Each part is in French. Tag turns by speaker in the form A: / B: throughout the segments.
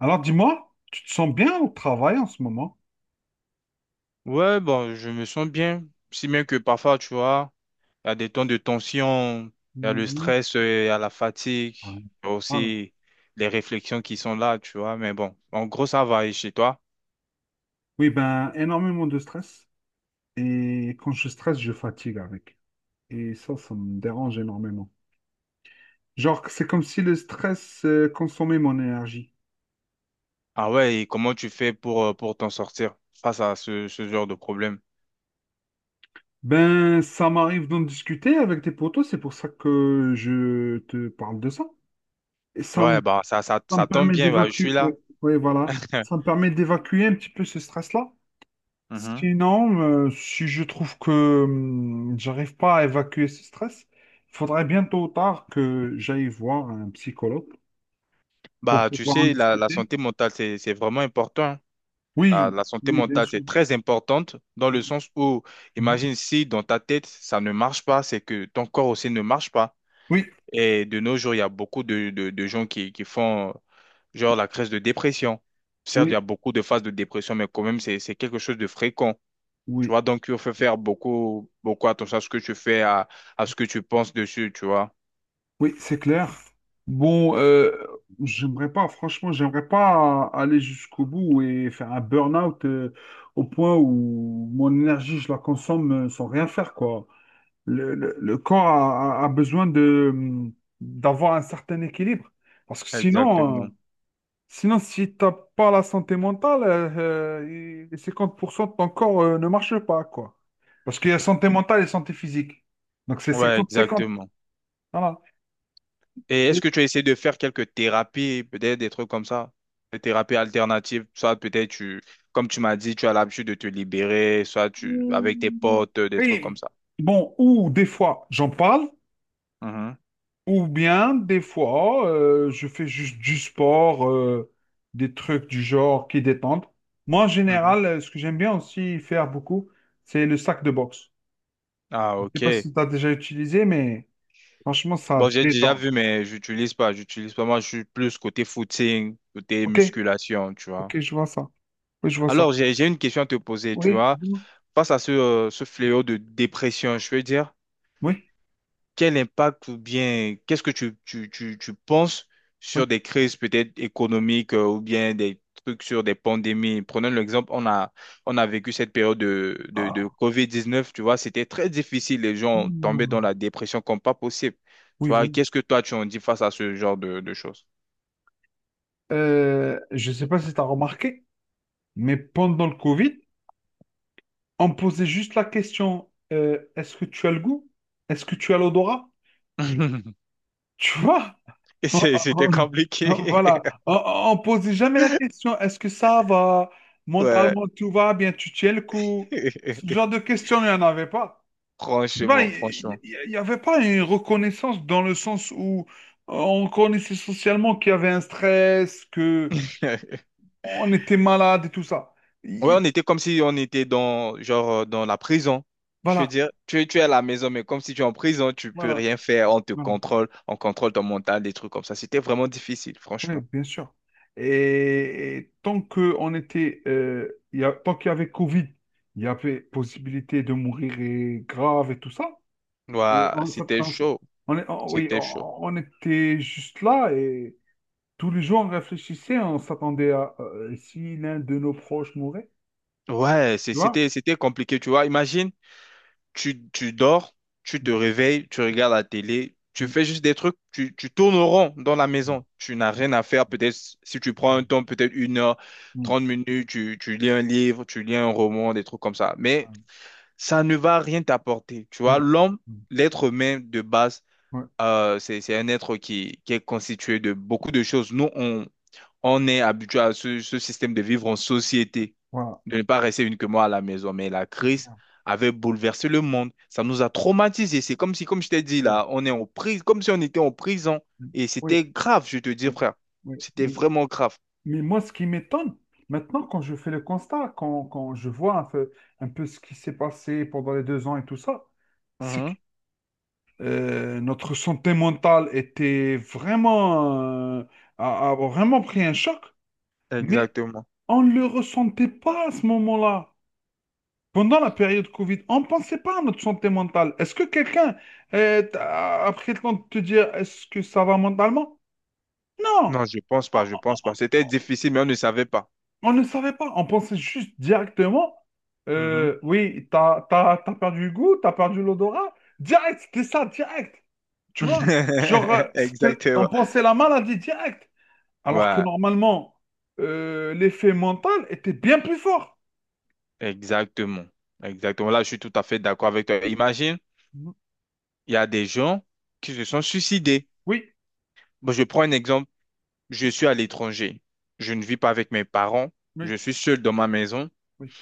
A: Alors dis-moi, tu te sens bien au travail en ce moment?
B: Ouais, bon, je me sens bien. Si bien que parfois, tu vois, il y a des temps de tension, il y a le
A: Mhm.
B: stress, il y a la fatigue,
A: Ouais.
B: il y a
A: Voilà.
B: aussi les réflexions qui sont là, tu vois. Mais bon, en gros, ça va. Et chez toi?
A: Oui, ben énormément de stress. Et quand je stresse, je fatigue avec. Et ça me dérange énormément. Genre, c'est comme si le stress consommait mon énergie.
B: Ah ouais, et comment tu fais pour t'en sortir face à ce genre de problème?
A: Ben, ça m'arrive d'en discuter avec tes potos, c'est pour ça que je te parle de ça. Et ça me,
B: Ouais, bah, ça, ça,
A: ça me
B: ça tombe
A: permet
B: bien, bah, je suis
A: d'évacuer, oui,
B: là.
A: oui, voilà. Ça me permet d'évacuer un petit peu ce stress-là.
B: Mhm.
A: Sinon, si je trouve que j'arrive pas à évacuer ce stress, il faudrait bien tôt ou tard que j'aille voir un psychologue pour
B: Bah, tu
A: pouvoir en
B: sais, la
A: discuter.
B: santé mentale, c'est vraiment important. La,
A: Oui,
B: la santé
A: oui, bien
B: mentale,
A: sûr.
B: c'est très importante dans le
A: Mhm.
B: sens où, imagine si dans ta tête, ça ne marche pas, c'est que ton corps aussi ne marche pas.
A: Oui,
B: Et de nos jours, il y a beaucoup de gens qui font genre la crise de dépression. Certes, il y a
A: oui,
B: beaucoup de phases de dépression, mais quand même, c'est quelque chose de fréquent. Tu
A: oui,
B: vois, donc il faut faire beaucoup, beaucoup attention à ce que tu fais, à ce que tu penses dessus, tu vois.
A: oui, c'est clair. Bon, j'aimerais pas, franchement, j'aimerais pas aller jusqu'au bout et faire un burn-out au point où mon énergie, je la consomme sans rien faire, quoi. Le corps a besoin d'avoir un certain équilibre. Parce que sinon, euh,
B: Exactement.
A: sinon si t'as pas la santé mentale, les 50% de ton corps ne marche pas, quoi. Parce qu'il y a santé mentale et santé physique. Donc c'est
B: Ouais,
A: 50/50.
B: exactement.
A: Voilà.
B: Et est-ce
A: Et-
B: que tu as essayé de faire quelques thérapies, peut-être des trucs comme ça, des thérapies alternatives, soit peut-être tu, comme tu m'as dit, tu as l'habitude de te libérer, soit tu, avec tes potes, des trucs comme
A: oui,
B: ça.
A: bon, ou des fois, j'en parle.
B: Mhm,
A: Ou bien, des fois, je fais juste du sport, des trucs du genre qui détendent. Moi, en
B: mhm.
A: général, ce que j'aime bien aussi faire beaucoup, c'est le sac de boxe.
B: Ah,
A: Je ne sais pas
B: ok.
A: si tu as déjà utilisé, mais franchement, ça
B: Bon, j'ai déjà vu,
A: détend.
B: mais j'utilise pas, j'utilise pas. Moi, je suis plus côté footing, côté
A: OK,
B: musculation, tu vois.
A: OK, je vois ça. Oui, je vois ça.
B: Alors, j'ai une question à te poser, tu
A: Oui,
B: vois.
A: oui,
B: Face à ce fléau de dépression, je veux dire.
A: oui.
B: Quel impact ou bien qu'est-ce que tu penses
A: Oui.
B: sur des crises peut-être économiques ou bien des trucs sur des pandémies? Prenons l'exemple, on a vécu cette période de
A: Ah,
B: COVID-19, tu vois, c'était très difficile, les gens tombaient dans
A: mm,
B: la dépression comme pas possible. Tu
A: oui,
B: vois,
A: oui.
B: qu'est-ce que toi tu en dis face à ce genre de choses?
A: Je ne sais pas si tu as remarqué, mais pendant le Covid, on me posait juste la question, est-ce que tu as le goût? Est-ce que tu as l'odorat? Tu vois?
B: C'était
A: Oh,
B: compliqué.
A: voilà, oh, oh, on ne pose jamais la question, est-ce que ça va?
B: Ouais.
A: Mentalement, tout va bien, tu tiens le coup. Ce genre de questions, il n'y en avait pas. Tu vois,
B: Franchement,
A: il
B: franchement.
A: n'y avait pas une reconnaissance dans le sens où on connaissait socialement qu'il y avait un stress, que on était malade et tout ça.
B: Ouais,
A: Il-
B: on était comme si on était dans, genre, dans la prison. Je veux
A: Voilà,
B: dire, tu es à la maison, mais comme si tu es en prison, tu peux
A: voilà,
B: rien faire. On te
A: voilà.
B: contrôle, on contrôle ton mental, des trucs comme ça. C'était vraiment difficile,
A: Oui,
B: franchement.
A: bien sûr. Et tant que on était, il y a, tant qu'il y avait Covid, il y avait possibilité de mourir et grave et tout ça. Et
B: Ouais,
A: on, s'att-
B: c'était
A: on, s-
B: chaud.
A: on est- on- oui,
B: C'était chaud.
A: on était juste là et tous les jours on réfléchissait, on s'attendait à si l'un de nos proches mourait,
B: Ouais, c'est-
A: tu vois?
B: c'était, c'était compliqué, tu vois. Imagine, tu dors, tu te
A: Mm,
B: réveilles, tu regardes la télé, tu
A: mm,
B: fais juste des trucs, tu tournes au rond dans la
A: mm.
B: maison. Tu n'as rien à faire. Peut-être si tu prends
A: Ah,
B: un temps, peut-être une heure,
A: mm,
B: 30 minutes, tu lis un livre, tu lis un roman, des trucs comme ça. Mais
A: ah,
B: ça ne va rien t'apporter. Tu
A: oui,
B: vois, l'homme,
A: mm,
B: l'être humain de base,
A: oui,
B: c'est un être qui est constitué de beaucoup de choses. Nous, on est habitué à ce système de vivre en société,
A: voilà,
B: de ne pas rester uniquement à la maison. Mais la
A: c'est
B: crise
A: clair,
B: avait bouleversé le monde. Ça
A: c'est
B: nous a traumatisés. C'est comme si, comme je t'ai dit
A: clair.
B: là, on est en prise, comme si on était en prison.
A: Mm,
B: Et
A: oui,
B: c'était grave, je te dis,
A: oui,
B: frère.
A: oui.
B: C'était
A: Mm.
B: vraiment grave.
A: Mais moi, ce qui m'étonne maintenant, quand je fais le constat, quand je vois un peu ce qui s'est passé pendant les 2 ans et tout ça, c'est que
B: Mhm.
A: notre santé mentale était vraiment, euh, a vraiment pris un choc, mais
B: Exactement.
A: on ne le ressentait pas à ce moment-là. Pendant la période Covid, on ne pensait pas à notre santé mentale. Est-ce que quelqu'un a pris le temps de te dire est-ce que ça va mentalement? Non!
B: Non, je pense pas, je pense pas. C'était difficile, mais on ne savait pas.
A: On ne savait pas, on pensait juste directement,
B: Mhm.
A: oui, t'as perdu le goût, t'as perdu l'odorat. Direct, c'était ça, direct. Tu vois? On
B: Exactement.
A: pensait la maladie direct. Alors que
B: Ouais,
A: normalement, l'effet mental était bien plus fort.
B: exactement. Exactement. Là, je suis tout à fait d'accord avec toi. Imagine,
A: Mhm.
B: il y a des gens qui se sont suicidés.
A: Oui,
B: Bon, je prends un exemple. Je suis à l'étranger. Je ne vis pas avec mes parents.
A: oui,
B: Je suis seul dans ma maison.
A: oui.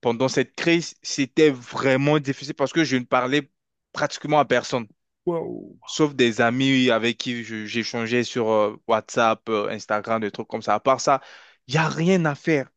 B: Pendant cette crise, c'était vraiment difficile parce que je ne parlais pratiquement à personne,
A: Waouh.
B: sauf des amis avec qui j'échangeais sur WhatsApp, Instagram, des trucs comme ça. À part ça, il n'y a rien à faire.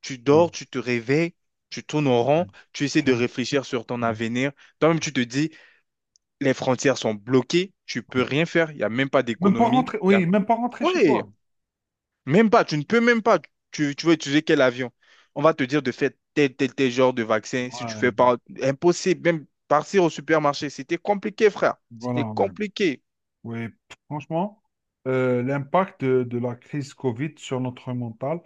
B: Tu
A: Ouais,
B: dors, tu te réveilles, tu tournes en rond, tu essaies de
A: putain,
B: réfléchir sur ton
A: ouais,
B: avenir. Toi-même, tu te dis, les frontières sont bloquées, tu peux
A: oui.
B: rien faire, il n'y a même pas
A: Même pas
B: d'économie.
A: rentrer,
B: Il y a.
A: oui, même pas rentrer chez
B: Oui,
A: toi.
B: même pas, tu ne peux même pas. Tu veux utiliser quel avion? On va te dire de faire tel, tel, tel genre de vaccin. Si tu fais
A: Ouais,
B: pas, impossible, même partir au supermarché, c'était compliqué, frère. C'était
A: voilà. Ouais.
B: compliqué.
A: Oui, franchement, l'impact de la crise Covid sur notre mental,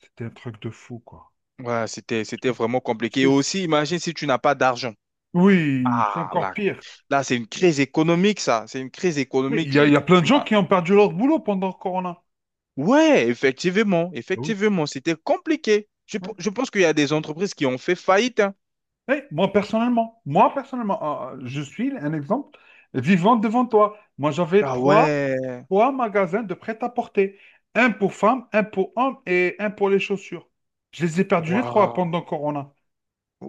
A: c'était un truc de fou, quoi.
B: Ouais, c'était,
A: Je
B: c'était
A: pense-
B: vraiment compliqué. Et
A: c'était-
B: aussi, imagine si tu n'as pas d'argent.
A: Oui, c'est
B: Ah,
A: encore
B: là,
A: pire.
B: là, c'est une crise économique, ça. C'est une crise
A: Mais il
B: économique.
A: y a, il y a plein de
B: Tu
A: gens
B: n'as-
A: qui ont perdu leur boulot pendant le Corona.
B: Ouais, effectivement,
A: Ah, oui.
B: effectivement, c'était compliqué. Je,
A: Oui.
B: pe- je pense qu'il y a des entreprises qui ont fait faillite, hein.
A: Eh, moi, personnellement, ah, ah, je suis un exemple vivant devant toi. Moi, j'avais
B: Ah
A: trois,
B: ouais,
A: trois magasins de prêt-à-porter. Un pour femmes, un pour hommes et un pour les chaussures. Je les ai perdus les trois
B: waouh,
A: pendant le Corona.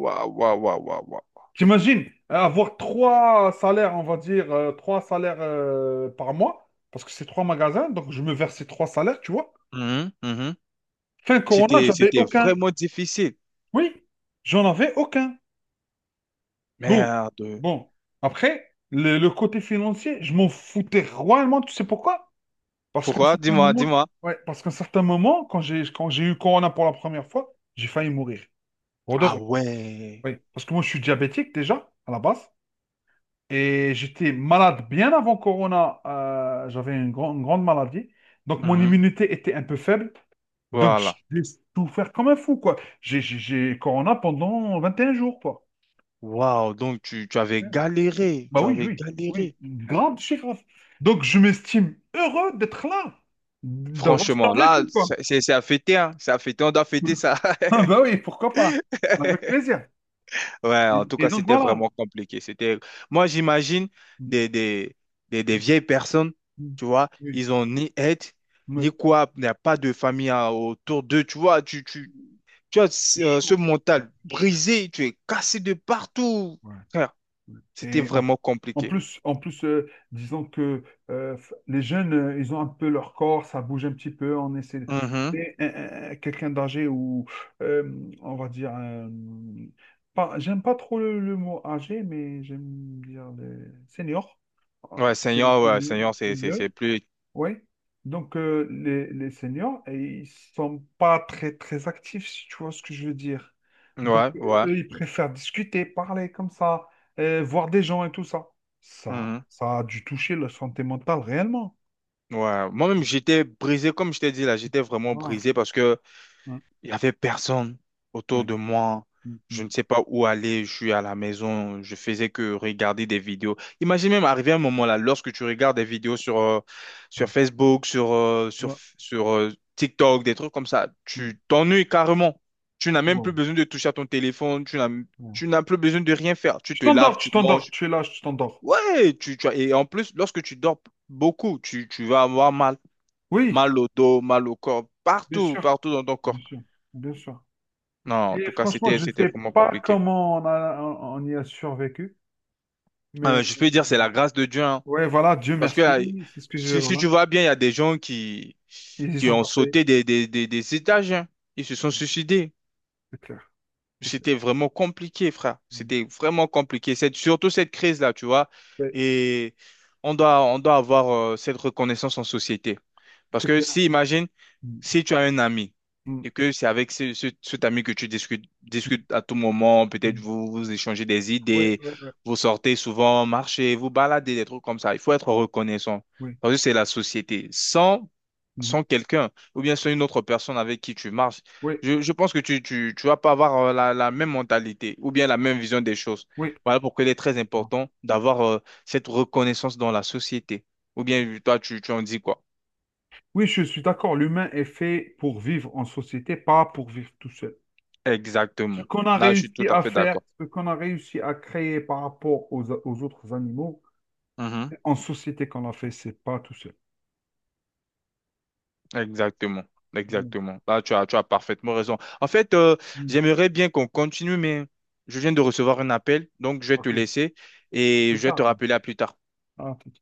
B: waouh, waouh, waouh, waouh. Waouh.
A: J'imagine avoir trois salaires, on va dire, trois salaires par mois, parce que c'est trois magasins, donc je me versais trois salaires, tu vois.
B: Mhm, mhm.
A: Fin Corona,
B: C'était,
A: j'avais
B: c'était
A: aucun.
B: vraiment difficile.
A: Oui, j'en avais aucun. Bon,
B: Merde.
A: bon. Après, le côté financier, je m'en foutais royalement, tu sais pourquoi? Parce qu'à un
B: Pourquoi?
A: certain
B: Dis-moi,
A: moment,
B: dis-moi.
A: Ouais, parce qu'à un certain moment, quand j'ai eu Corona pour la première fois, j'ai failli mourir. Pour de
B: Ah
A: vrai.
B: ouais.
A: Oui. Parce que moi, je suis diabétique déjà, à la base. Et j'étais malade bien avant Corona. J'avais une grande maladie. Donc, mon
B: Mhm.
A: immunité était un peu faible. Donc,
B: Voilà.
A: j'ai souffert comme un fou, quoi. J'ai Corona pendant 21 jours, quoi.
B: Waouh, donc tu avais
A: Ouais.
B: galéré,
A: Bah
B: tu
A: oui,
B: avais
A: oui, oui.
B: galéré.
A: Grave, c'est grave. Donc, je m'estime heureux d'être là, d'avoir
B: Franchement, là,
A: survécu, quoi.
B: c'est à fêter, hein. C'est à fêter, on doit fêter ça.
A: Ah bah oui, pourquoi pas? Avec plaisir.
B: Ouais,
A: Et,
B: en tout
A: et
B: cas,
A: donc,
B: c'était
A: voilà.
B: vraiment compliqué. C'était, moi, j'imagine des, des, des vieilles personnes, tu vois,
A: Oui,
B: ils ont ni aide, ni
A: mais
B: quoi, il n'y a pas de famille hein, autour d'eux, tu vois, tu as
A: c'est
B: ce
A: chaud. C'est
B: mental
A: très chaud.
B: brisé, tu es cassé de partout.
A: Ouais.
B: Frère, c'était
A: Et en,
B: vraiment compliqué.
A: en plus disons que les jeunes, ils ont un peu leur corps, ça bouge un petit peu, on essaie.
B: Mhm.
A: Mais, quelqu'un d'âgé ou, on va dire, j'aime pas trop le mot âgé, mais j'aime dire les seniors. Euh, C'est
B: Ouais, Seigneur,
A: c'est
B: c'est
A: mieux,
B: plus.
A: oui. Donc, les seniors, et ils sont pas très, très actifs, si tu vois ce que je veux dire. Donc,
B: Ouais, ouais.
A: eux, ils préfèrent discuter, parler comme ça, voir des gens et tout ça. Ça,
B: Mhm.
A: ça a dû toucher leur santé mentale réellement.
B: Ouais. Moi-même, j'étais brisé, comme je t'ai dit là, j'étais vraiment
A: Voilà.
B: brisé parce que
A: Ouais.
B: il y avait personne autour
A: Ouais.
B: de moi.
A: Mm, mm,
B: Je ne sais pas où aller. Je suis à la maison. Je faisais que regarder des vidéos. Imagine même arriver un moment là, lorsque tu regardes des vidéos sur
A: mm.
B: Facebook, sur, euh, sur,
A: Ouais.
B: sur euh, TikTok, des trucs comme ça,
A: Mm.
B: tu t'ennuies carrément. Tu n'as même plus
A: Wow.
B: besoin de toucher à ton téléphone. Tu n'as,
A: Ouais.
B: tu n'as plus besoin de rien faire. Tu
A: Tu
B: te laves,
A: t'endors, tu
B: tu
A: t'endors,
B: manges.
A: tu es là, tu t'endors.
B: Ouais, et en plus, lorsque tu dors beaucoup, tu vas avoir mal,
A: Oui,
B: mal au dos, mal au corps,
A: bien
B: partout,
A: sûr,
B: partout dans ton corps.
A: bien sûr, bien sûr.
B: Non, en
A: Et
B: tout cas,
A: franchement,
B: c'était,
A: je ne
B: c'était
A: sais
B: vraiment
A: pas
B: compliqué.
A: comment on y a survécu,
B: Ah,
A: mais
B: mais je peux dire, c'est la grâce de Dieu, hein.
A: ouais, voilà, Dieu
B: Parce que
A: merci, c'est ce que je
B: si
A: voilà.
B: tu vois bien, il y a des gens qui,
A: Ils y
B: qui
A: sont
B: ont
A: passés,
B: sauté des étages, hein. Ils se sont suicidés.
A: c'est clair, c'est clair.
B: C'était vraiment compliqué, frère.
A: Mm.
B: C'était vraiment compliqué. Cette, surtout cette crise-là, tu vois.
A: Ouais,
B: Et on doit avoir cette reconnaissance en société. Parce
A: c'est
B: que
A: clair.
B: si, imagine,
A: Mm.
B: si tu as un ami
A: Mm.
B: et que c'est avec cet ami que tu discutes,
A: Mm.
B: discutes à tout moment, peut-être
A: Mm.
B: vous échangez des
A: Ouais,
B: idées,
A: ouais, ouais,
B: vous sortez souvent, marchez, vous baladez, des trucs comme ça. Il faut être reconnaissant.
A: oui.
B: Parce que c'est la société. Sans
A: Mhm.
B: sans quelqu'un ou bien sans une autre personne avec qui tu marches,
A: Oui,
B: je pense que tu vas pas avoir la même mentalité ou bien la même vision des choses.
A: oui.
B: Voilà pourquoi il est très
A: Ah.
B: important d'avoir cette reconnaissance dans la société. Ou bien toi, tu en dis quoi?
A: Oui, je suis d'accord, l'humain est fait pour vivre en société, pas pour vivre tout seul. Ce
B: Exactement.
A: qu'on a
B: Là, je suis tout
A: réussi
B: à
A: à
B: fait
A: faire,
B: d'accord.
A: ce qu'on a réussi à créer par rapport aux autres animaux,
B: Mhm.
A: en société qu'on l'a fait, c'est pas tout seul.
B: Exactement.
A: Voilà.
B: Exactement. Là, tu as parfaitement raison. En fait,
A: Mm.
B: j'aimerais bien qu'on continue, mais je viens de recevoir un appel, donc je vais te
A: Ok,
B: laisser et
A: c'est
B: je vais te rappeler à plus tard.
A: tard.